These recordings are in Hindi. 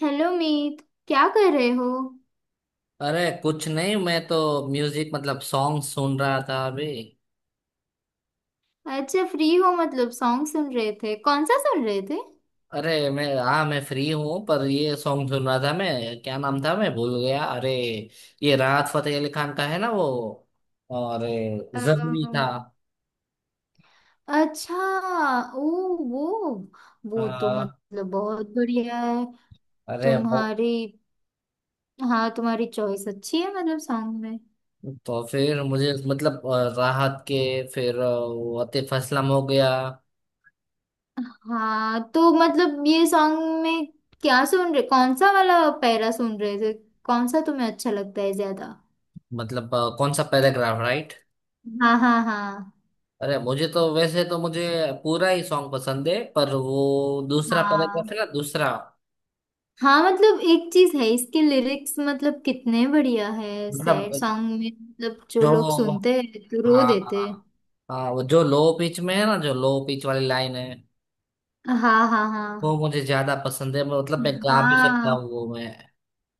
हेलो मीत, क्या कर रहे हो। अरे कुछ नहीं, मैं तो म्यूजिक मतलब सॉन्ग सुन रहा था अभी। अच्छा, फ्री हो मतलब? सॉन्ग सुन रहे थे, कौन सा सुन रहे थे। अरे मैं हाँ, मैं फ्री हूँ, पर ये सॉन्ग सुन रहा था। मैं, क्या नाम था, मैं भूल गया, अरे। ये राहत फतेह अली खान का है ना, वो। और जरूरी अम्म, था। अच्छा। ओ, वो वो तो हाँ, मतलब बहुत बढ़िया है। अरे वो। तुम्हारी, हाँ तुम्हारी चॉइस अच्छी है मतलब सॉन्ग में। तो फिर मुझे मतलब राहत के, फिर वो आतिफ असलम हो गया। हाँ तो मतलब ये सॉन्ग में क्या सुन रहे, कौन सा वाला पैरा सुन रहे थे, कौन सा तुम्हें अच्छा लगता है ज्यादा। मतलब कौन सा पैराग्राफ, राइट? हाँ हाँ हाँ अरे मुझे तो, वैसे तो मुझे पूरा ही सॉन्ग पसंद है, पर वो दूसरा पैराग्राफ हाँ है ना, दूसरा। हाँ। मतलब एक चीज है, इसके लिरिक्स मतलब कितने बढ़िया है। मतलब सैड सॉन्ग में मतलब जो जो लोग सुनते हैं तो रो हाँ देते हैं। हाँ। हाँ, वो जो लो पिच में है ना, जो लो पिच वाली लाइन है, हाँ हाँ हाँ वो मुझे ज्यादा पसंद है। मतलब मैं गा भी सकता हाँ, हूँ वो। मैं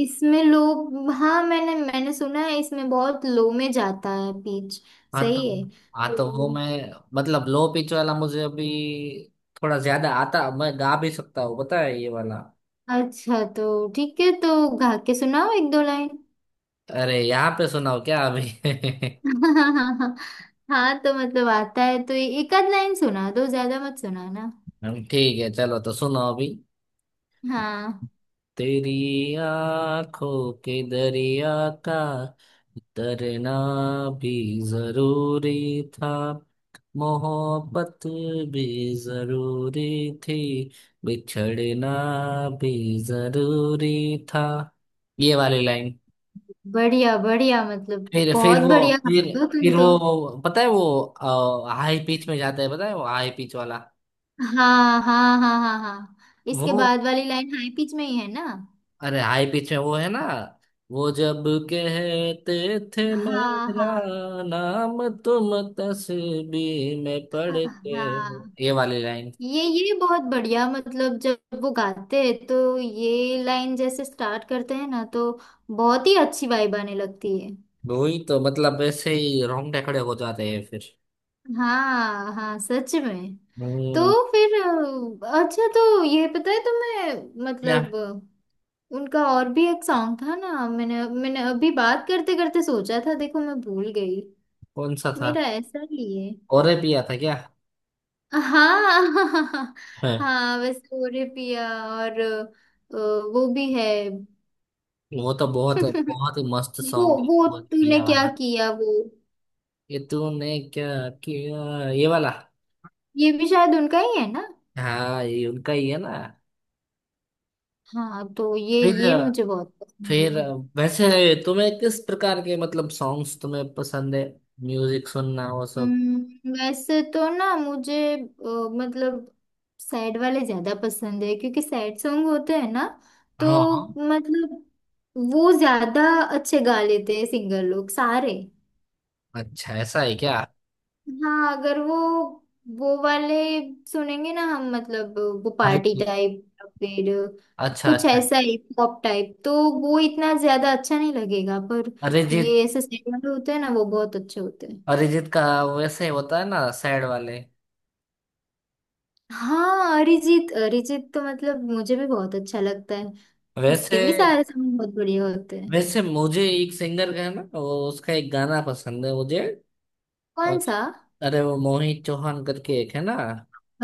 इसमें लोग हाँ मैंने मैंने सुना है इसमें बहुत लो में जाता है बीच। हाँ तो सही है हाँ तो वो तो। मैं मतलब लो पिच वाला मुझे अभी थोड़ा ज्यादा आता। मैं गा भी सकता हूँ, पता है, ये वाला। अच्छा, तो ठीक है, तो गा के सुनाओ एक दो लाइन। अरे यहाँ पे सुनाओ क्या अभी? हाँ। हाँ तो मतलब आता है तो एक आध लाइन सुना दो, ज्यादा मत सुनाना। हम, ठीक है, चलो तो सुनो अभी। हाँ, तेरी आंखों के दरिया का तरना भी जरूरी था, मोहब्बत भी जरूरी थी, बिछड़ना भी जरूरी था। ये वाली लाइन। बढ़िया बढ़िया, मतलब फिर बहुत वो बढ़िया फिर गाते हो तुम फिर तो। वो पता है, वो हाई पिच में जाता है। पता है, वो हाई पिच वाला। हाँ हाँ हाँ हाँ हाँ। इसके वो, बाद वाली लाइन हाई पिच में ही है ना। अरे हाई पिच में वो है ना, वो जब कहते थे, हाँ मेरा हाँ नाम तुम तस्वीर में पढ़ के हो। हाँ। ये वाली लाइन। ये बहुत बढ़िया मतलब, जब वो गाते हैं तो ये लाइन जैसे स्टार्ट करते हैं ना, तो बहुत ही अच्छी वाइब आने लगती है। वही तो मतलब, ऐसे ही रोंगटे खड़े हो जाते हैं फिर। हाँ हाँ, सच में। तो हम्म। फिर अच्छा। तो ये पता है तुम्हें क्या? मतलब उनका और भी एक सॉन्ग था ना, मैंने मैंने अभी बात करते करते सोचा था, देखो मैं भूल गई। कौन सा था? मेरा ऐसा ही है और पिया था क्या? हाँ। है। हाँ वैसे वो रे पिया और वो भी है। वो तो बहुत बहुत ही मस्त सॉन्ग है, वो बहुत तूने पिया क्या वाला। किया, वो ये तूने क्या किया, ये वाला। ये भी शायद उनका ही है ना। हाँ, ये उनका ही है ना। हाँ तो फिर ये मुझे बहुत पसंद फिर है। वैसे तुम्हें किस प्रकार के मतलब सॉन्ग्स तुम्हें पसंद है, म्यूजिक सुनना, वो सब। वैसे तो ना मुझे मतलब सैड वाले ज्यादा पसंद है, क्योंकि सैड सॉन्ग होते हैं ना, तो हाँ हाँ। मतलब वो ज्यादा अच्छे गा लेते हैं सिंगर लोग सारे। अच्छा, ऐसा है क्या? हाँ अगर वो वो वाले सुनेंगे ना हम मतलब, वो अरे, पार्टी टाइप या फिर अच्छा कुछ अच्छा। ऐसा पॉप टाइप तो वो इतना ज्यादा अच्छा नहीं लगेगा। पर अरिजीत ये ऐसे सैड वाले होते हैं ना, वो बहुत अच्छे होते हैं। अरिजीत का वैसे होता है ना, सैड वाले। हाँ अरिजीत, अरिजीत तो मतलब मुझे भी बहुत अच्छा लगता है। उसके वैसे भी सारे सॉन्ग बहुत बढ़िया होते हैं। वैसे मुझे एक सिंगर का है ना, वो उसका एक गाना पसंद है मुझे। कौन और सा? अरे वो मोहित चौहान करके एक है ना।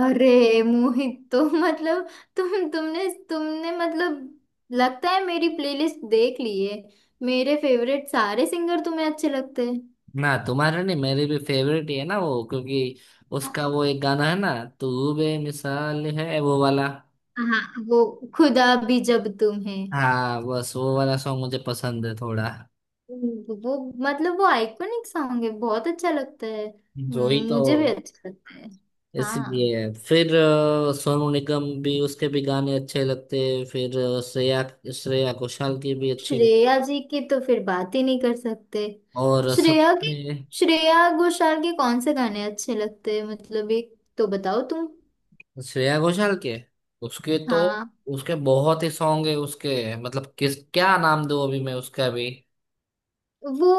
अरे मोहित तो मतलब तुमने मतलब, लगता है मेरी प्लेलिस्ट देख ली है। मेरे फेवरेट सारे सिंगर तुम्हें अच्छे लगते हैं। ना, तुम्हारा नहीं, मेरी भी फेवरेट ही है ना वो, क्योंकि हाँ। उसका वो एक गाना है ना, तू बेमिसाल है, वो वाला। हाँ, वो खुदा भी जब तुम है, हाँ, बस वो वाला सॉन्ग मुझे पसंद है थोड़ा। वो मतलब वो आइकॉनिक सॉन्ग है, बहुत अच्छा लगता है। जो ही तो। मुझे भी अच्छा लगता है। हाँ, इसलिए फिर सोनू निगम भी, उसके भी गाने अच्छे लगते हैं। फिर श्रेया श्रेया घोषाल की भी अच्छी लग- श्रेया जी की तो फिर बात ही नहीं कर सकते। और श्रेया की, सबसे। श्रेया घोषाल के कौन से गाने अच्छे लगते हैं, मतलब एक तो बताओ तुम। श्रेया घोषाल के, उसके तो, हाँ उसके बहुत ही सॉन्ग है। उसके मतलब किस, क्या नाम दूँ अभी मैं उसका भी? वो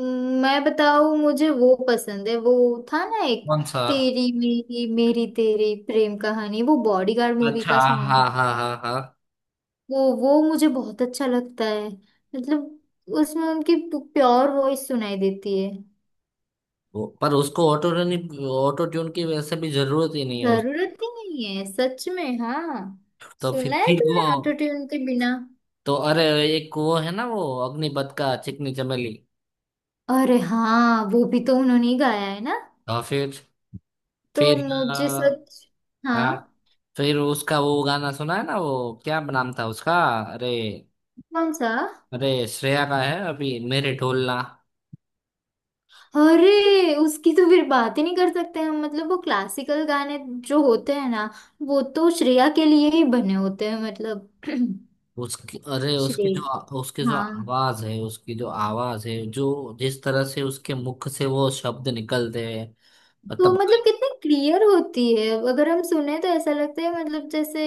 मैं बताऊं, मुझे वो पसंद है वो, था ना एक, कौन सा? तेरी मेरी मेरी तेरी प्रेम कहानी, वो बॉडीगार्ड मूवी अच्छा, का हाँ सॉन्ग। हाँ हाँ हाँ। वो मुझे बहुत अच्छा लगता है मतलब, उसमें उनकी प्योर वॉइस सुनाई देती है। वो- पर उसको ऑटो ऑटो ट्यून की वैसे भी जरूरत ही नहीं है उस। जरूरत ही नहीं है सच में। हाँ, तो फिर सुना है ठीक वो तुमने ऑटो ट्यून के बिना। तो। अरे एक वो है ना, वो अग्निपथ का चिकनी चमेली। अरे हाँ वो भी तो उन्होंने ही गाया है ना। और फिर तो फिर मुझे अ, सच, हाँ। हाँ। फिर उसका वो गाना सुना है ना, वो क्या नाम था उसका? अरे। कौन सा? अरे श्रेया का है, अभी मेरे ढोलना। अरे उसकी तो फिर बात ही नहीं कर सकते हम। मतलब वो क्लासिकल गाने जो होते हैं ना, वो तो श्रेया के लिए ही बने होते हैं मतलब। उसकी, अरे उसकी जो, श्रेय, उसकी जो हाँ आवाज है, उसकी जो आवाज है, जो जिस तरह से उसके मुख से वो शब्द निकलते हैं। तो मतलब, मतलब कितनी क्लियर होती है, अगर हम सुने तो ऐसा लगता है मतलब जैसे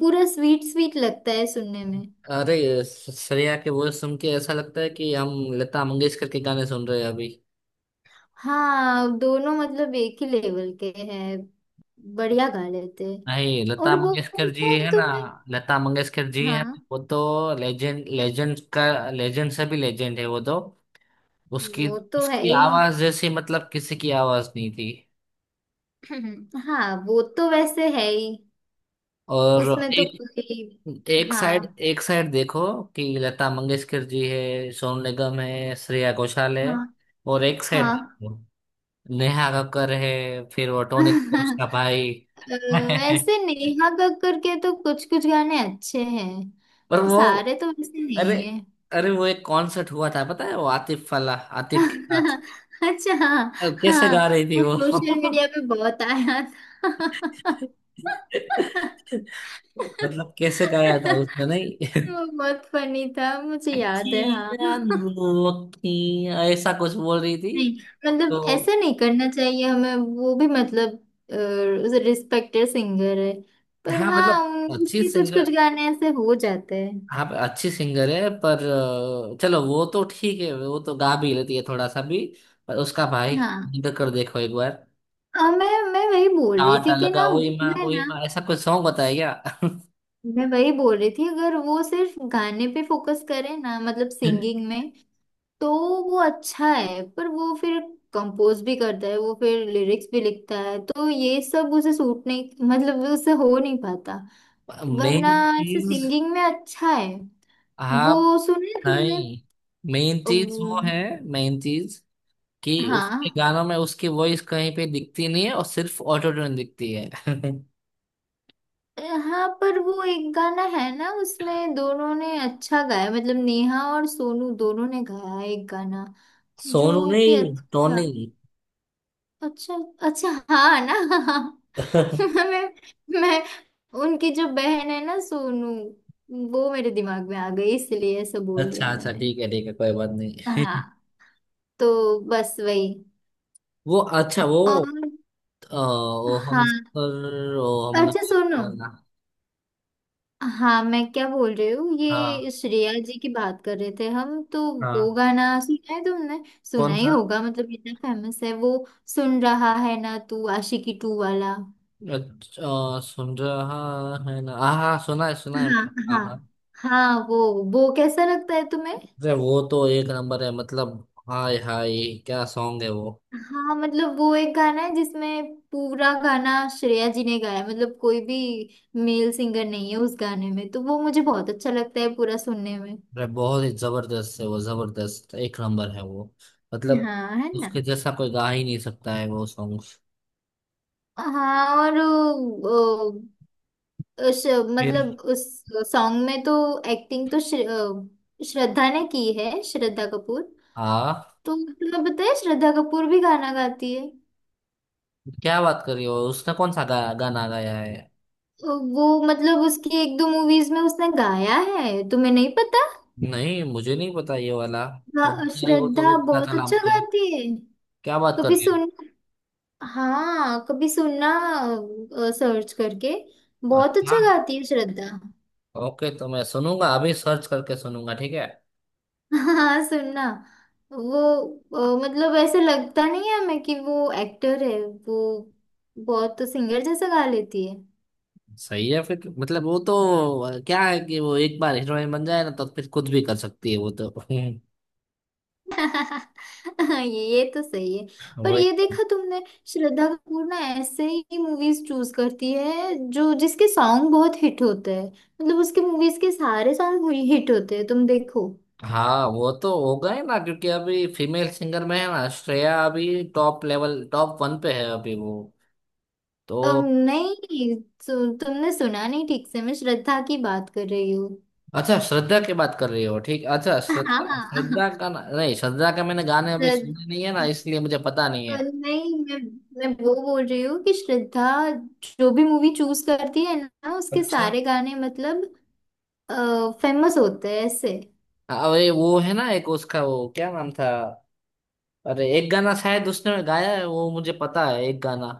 पूरा स्वीट स्वीट लगता है सुनने में। अरे श्रेया के वो सुन के ऐसा लगता है कि हम लता मंगेशकर के गाने सुन रहे हैं अभी। हाँ दोनों मतलब एक ही लेवल के हैं, बढ़िया गा लेते हैं। नहीं, लता और वो मंगेशकर पता जी है है ना। तुम्हें। लता मंगेशकर जी है हाँ ना, वो तो लेजेंड, लेजेंड का लेजेंड, से भी लेजेंड है वो तो। उसकी वो तो है उसकी ही। आवाज जैसी मतलब किसी की आवाज नहीं थी। हाँ वो तो वैसे है ही, और उसमें तो एक, कोई। एक साइड, हाँ एक साइड देखो कि लता मंगेशकर जी है, सोनू निगम है, श्रेया घोषाल है। हाँ और एक साइड हाँ। देखो, नेहा कक्कर है, फिर वो टोनी कक्कर, उसका भाई। अ, वैसे नेहा कक्कड़ के तो कुछ कुछ गाने अच्छे हैं, पर वो, सारे तो वैसे अरे नहीं है। अरे वो एक कॉन्सर्ट हुआ था, पता है, वो आतिफ वाला, आतिफ के साथ। अच्छा। अब कैसे हाँ गा रही थी वो वो? सोशल मीडिया पे बहुत आया था। मतलब कैसे गाया था उसने, नहीं। वो बहुत फनी था, मुझे याद है हाँ। अखियाँ नो अखियाँ, ऐसा कुछ बोल रही थी। नहीं मतलब ऐसा तो नहीं करना चाहिए हमें, वो भी मतलब रिस्पेक्टेड सिंगर है। पर हाँ, हाँ, मतलब उन- अच्छी उसके कुछ कुछ सिंगर, गाने ऐसे हो जाते हैं। हाँ, अच्छी सिंगर है, पर चलो वो तो ठीक है, वो तो गा भी लेती है थोड़ा सा भी। पर उसका भाई हाँ। निकल कर देखो एक बार, आ, मैं वही बोल रही टाटा थी कि लगा, ना ओए माँ, मैं ओए ना, माँ, ऐसा कुछ सॉन्ग बताया। मैं वही बोल रही थी, अगर वो सिर्फ गाने पे फोकस करे ना, मतलब क्या? सिंगिंग में, तो वो अच्छा है। पर वो फिर कंपोज भी करता है, वो फिर लिरिक्स भी लिखता है, तो ये सब उसे सूट नहीं, मतलब वो उससे हो नहीं पाता। वरना मेन ऐसे चीज सिंगिंग में अच्छा है वो। आप, सुने तुमने? नहीं, मेन चीज वो है, वो- मेन चीज कि उसके हाँ गानों में उसकी वॉइस कहीं पे दिखती नहीं है, और सिर्फ ऑटो ट्यून दिखती है। हाँ, पर वो एक गाना है ना, उसमें दोनों ने अच्छा गाया। मतलब नेहा और सोनू दोनों ने गाया एक गाना, सोनू जो कि नहीं, अच्छा था। टोनी। अच्छा, अच्छा हाँ ना। मैं मैं उनकी जो बहन है ना सोनू, वो मेरे दिमाग में आ गई इसलिए ऐसा बोल दिया अच्छा अच्छा, मैंने। ठीक है ठीक है, कोई बात नहीं। हाँ तो बस वही। वो, अच्छा, वो और वो हम हाँ, सर वो हमने अच्छा बात सुनो। हुआ ना। हाँ मैं क्या बोल रही हूँ, हाँ ये श्रेया जी की बात कर रहे थे हम तो, वो हाँ। गाना सुना है तुमने? सुना कौन ही सा? होगा मतलब, इतना फेमस है वो। सुन रहा है ना तू, आशिकी टू वाला। अच्छा, सुन रहा है ना, हाँ हाँ, सुना है सुना है। हाँ हाँ हाँ, हाँ। वो कैसा लगता है तुम्हें। अरे वो तो एक नंबर है, मतलब हाय हाय, क्या सॉन्ग है वो। हाँ मतलब वो एक गाना है जिसमें पूरा गाना श्रेया जी ने गाया है, मतलब कोई भी मेल सिंगर नहीं है उस गाने में, तो वो मुझे बहुत अच्छा लगता है पूरा सुनने में। अरे बहुत ही जबरदस्त है वो, जबरदस्त, एक नंबर है वो। मतलब हाँ है ना। उसके जैसा कोई गा ही नहीं सकता है वो सॉन्ग। हाँ और वो, श, फिर। मतलब उस सॉन्ग में तो एक्टिंग तो श्र, श्रद्धा ने की है, श्रद्धा कपूर। हाँ, तो तुम्हें पता है श्रद्धा कपूर भी गाना गाती है। क्या बात कर रही हो? उसने कौन सा गाना गाया है? तो वो मतलब उसकी एक दो मूवीज में उसने गाया है, तुम्हें नहीं पता। नहीं, मुझे नहीं पता ये वाला। तो हाँ, बता रही हो तो भी श्रद्धा पता बहुत चला अच्छा मुझे, गाती है। क्या बात कर कभी रही हो। सुन, हाँ कभी सुनना सर्च करके, बहुत अच्छा, अच्छा गाती है श्रद्धा। ओके, तो मैं सुनूंगा, अभी सर्च करके सुनूंगा, ठीक है। हाँ सुनना। वो मतलब ऐसे लगता नहीं है हमें कि वो एक्टर है वो, बहुत तो सिंगर जैसा गा लेती है। सही है, फिर मतलब वो तो क्या है कि वो एक बार हीरोइन बन जाए ना, तो फिर कुछ भी कर सकती है वो तो। ये तो सही है। पर वो एक। ये देखा तुमने, श्रद्धा कपूर ना ऐसे ही मूवीज चूज करती है जो जिसके सॉन्ग बहुत हिट होते हैं। मतलब उसके मूवीज के सारे सॉन्ग हिट होते हैं, तुम देखो। हाँ, वो तो हो गए ना, क्योंकि अभी फीमेल सिंगर में है ना श्रेया, अभी टॉप लेवल, टॉप वन पे है अभी वो। तो नहीं, सु, तुमने सुना नहीं ठीक से, मैं श्रद्धा की बात कर रही हूँ। अच्छा, श्रद्धा की बात कर रही हो, ठीक। अच्छा, श्रद्धा श्रद्धा हाँ, का ना- नहीं, श्रद्धा का मैंने गाने अभी श्रद्ध- सुने नहीं है ना, इसलिए मुझे पता नहीं है। नहीं मैं वो बोल रही हूँ कि श्रद्धा जो भी मूवी चूज करती है ना, उसके अच्छा। सारे गाने मतलब फेमस होते हैं ऐसे। हाँ, अरे वो है ना एक, उसका वो क्या नाम था? अरे, एक गाना शायद उसने गाया है वो, मुझे पता है एक गाना।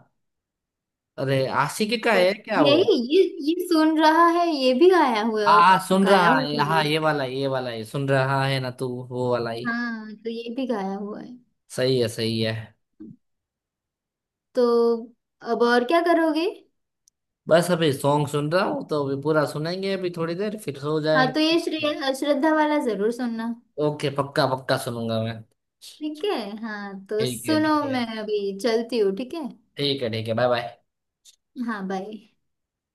अरे, आशिकी का ओ, है क्या वो? यही, ये सुन रहा है, ये भी गाया हाँ हुआ। हाँ, सुन गाया रहा हुआ है, है। हाँ, ये वाला, ये वाला है, सुन रहा है ना तू, वो वाला ही। हाँ तो ये भी गाया हुआ है। सही है, सही है। तो अब और क्या करोगे। बस अभी सॉन्ग सुन रहा हूँ, तो अभी पूरा सुनेंगे, अभी थोड़ी देर, फिर सो हाँ तो ये जाएंगे। श्रेया श्रद्धा वाला जरूर सुनना। ओके, पक्का पक्का सुनूंगा मैं। ठीक है। हाँ तो ठीक है, सुनो, ठीक है। मैं अभी चलती हूँ, ठीक है। ठीक है, ठीक है, बाय बाय। हाँ, बाय।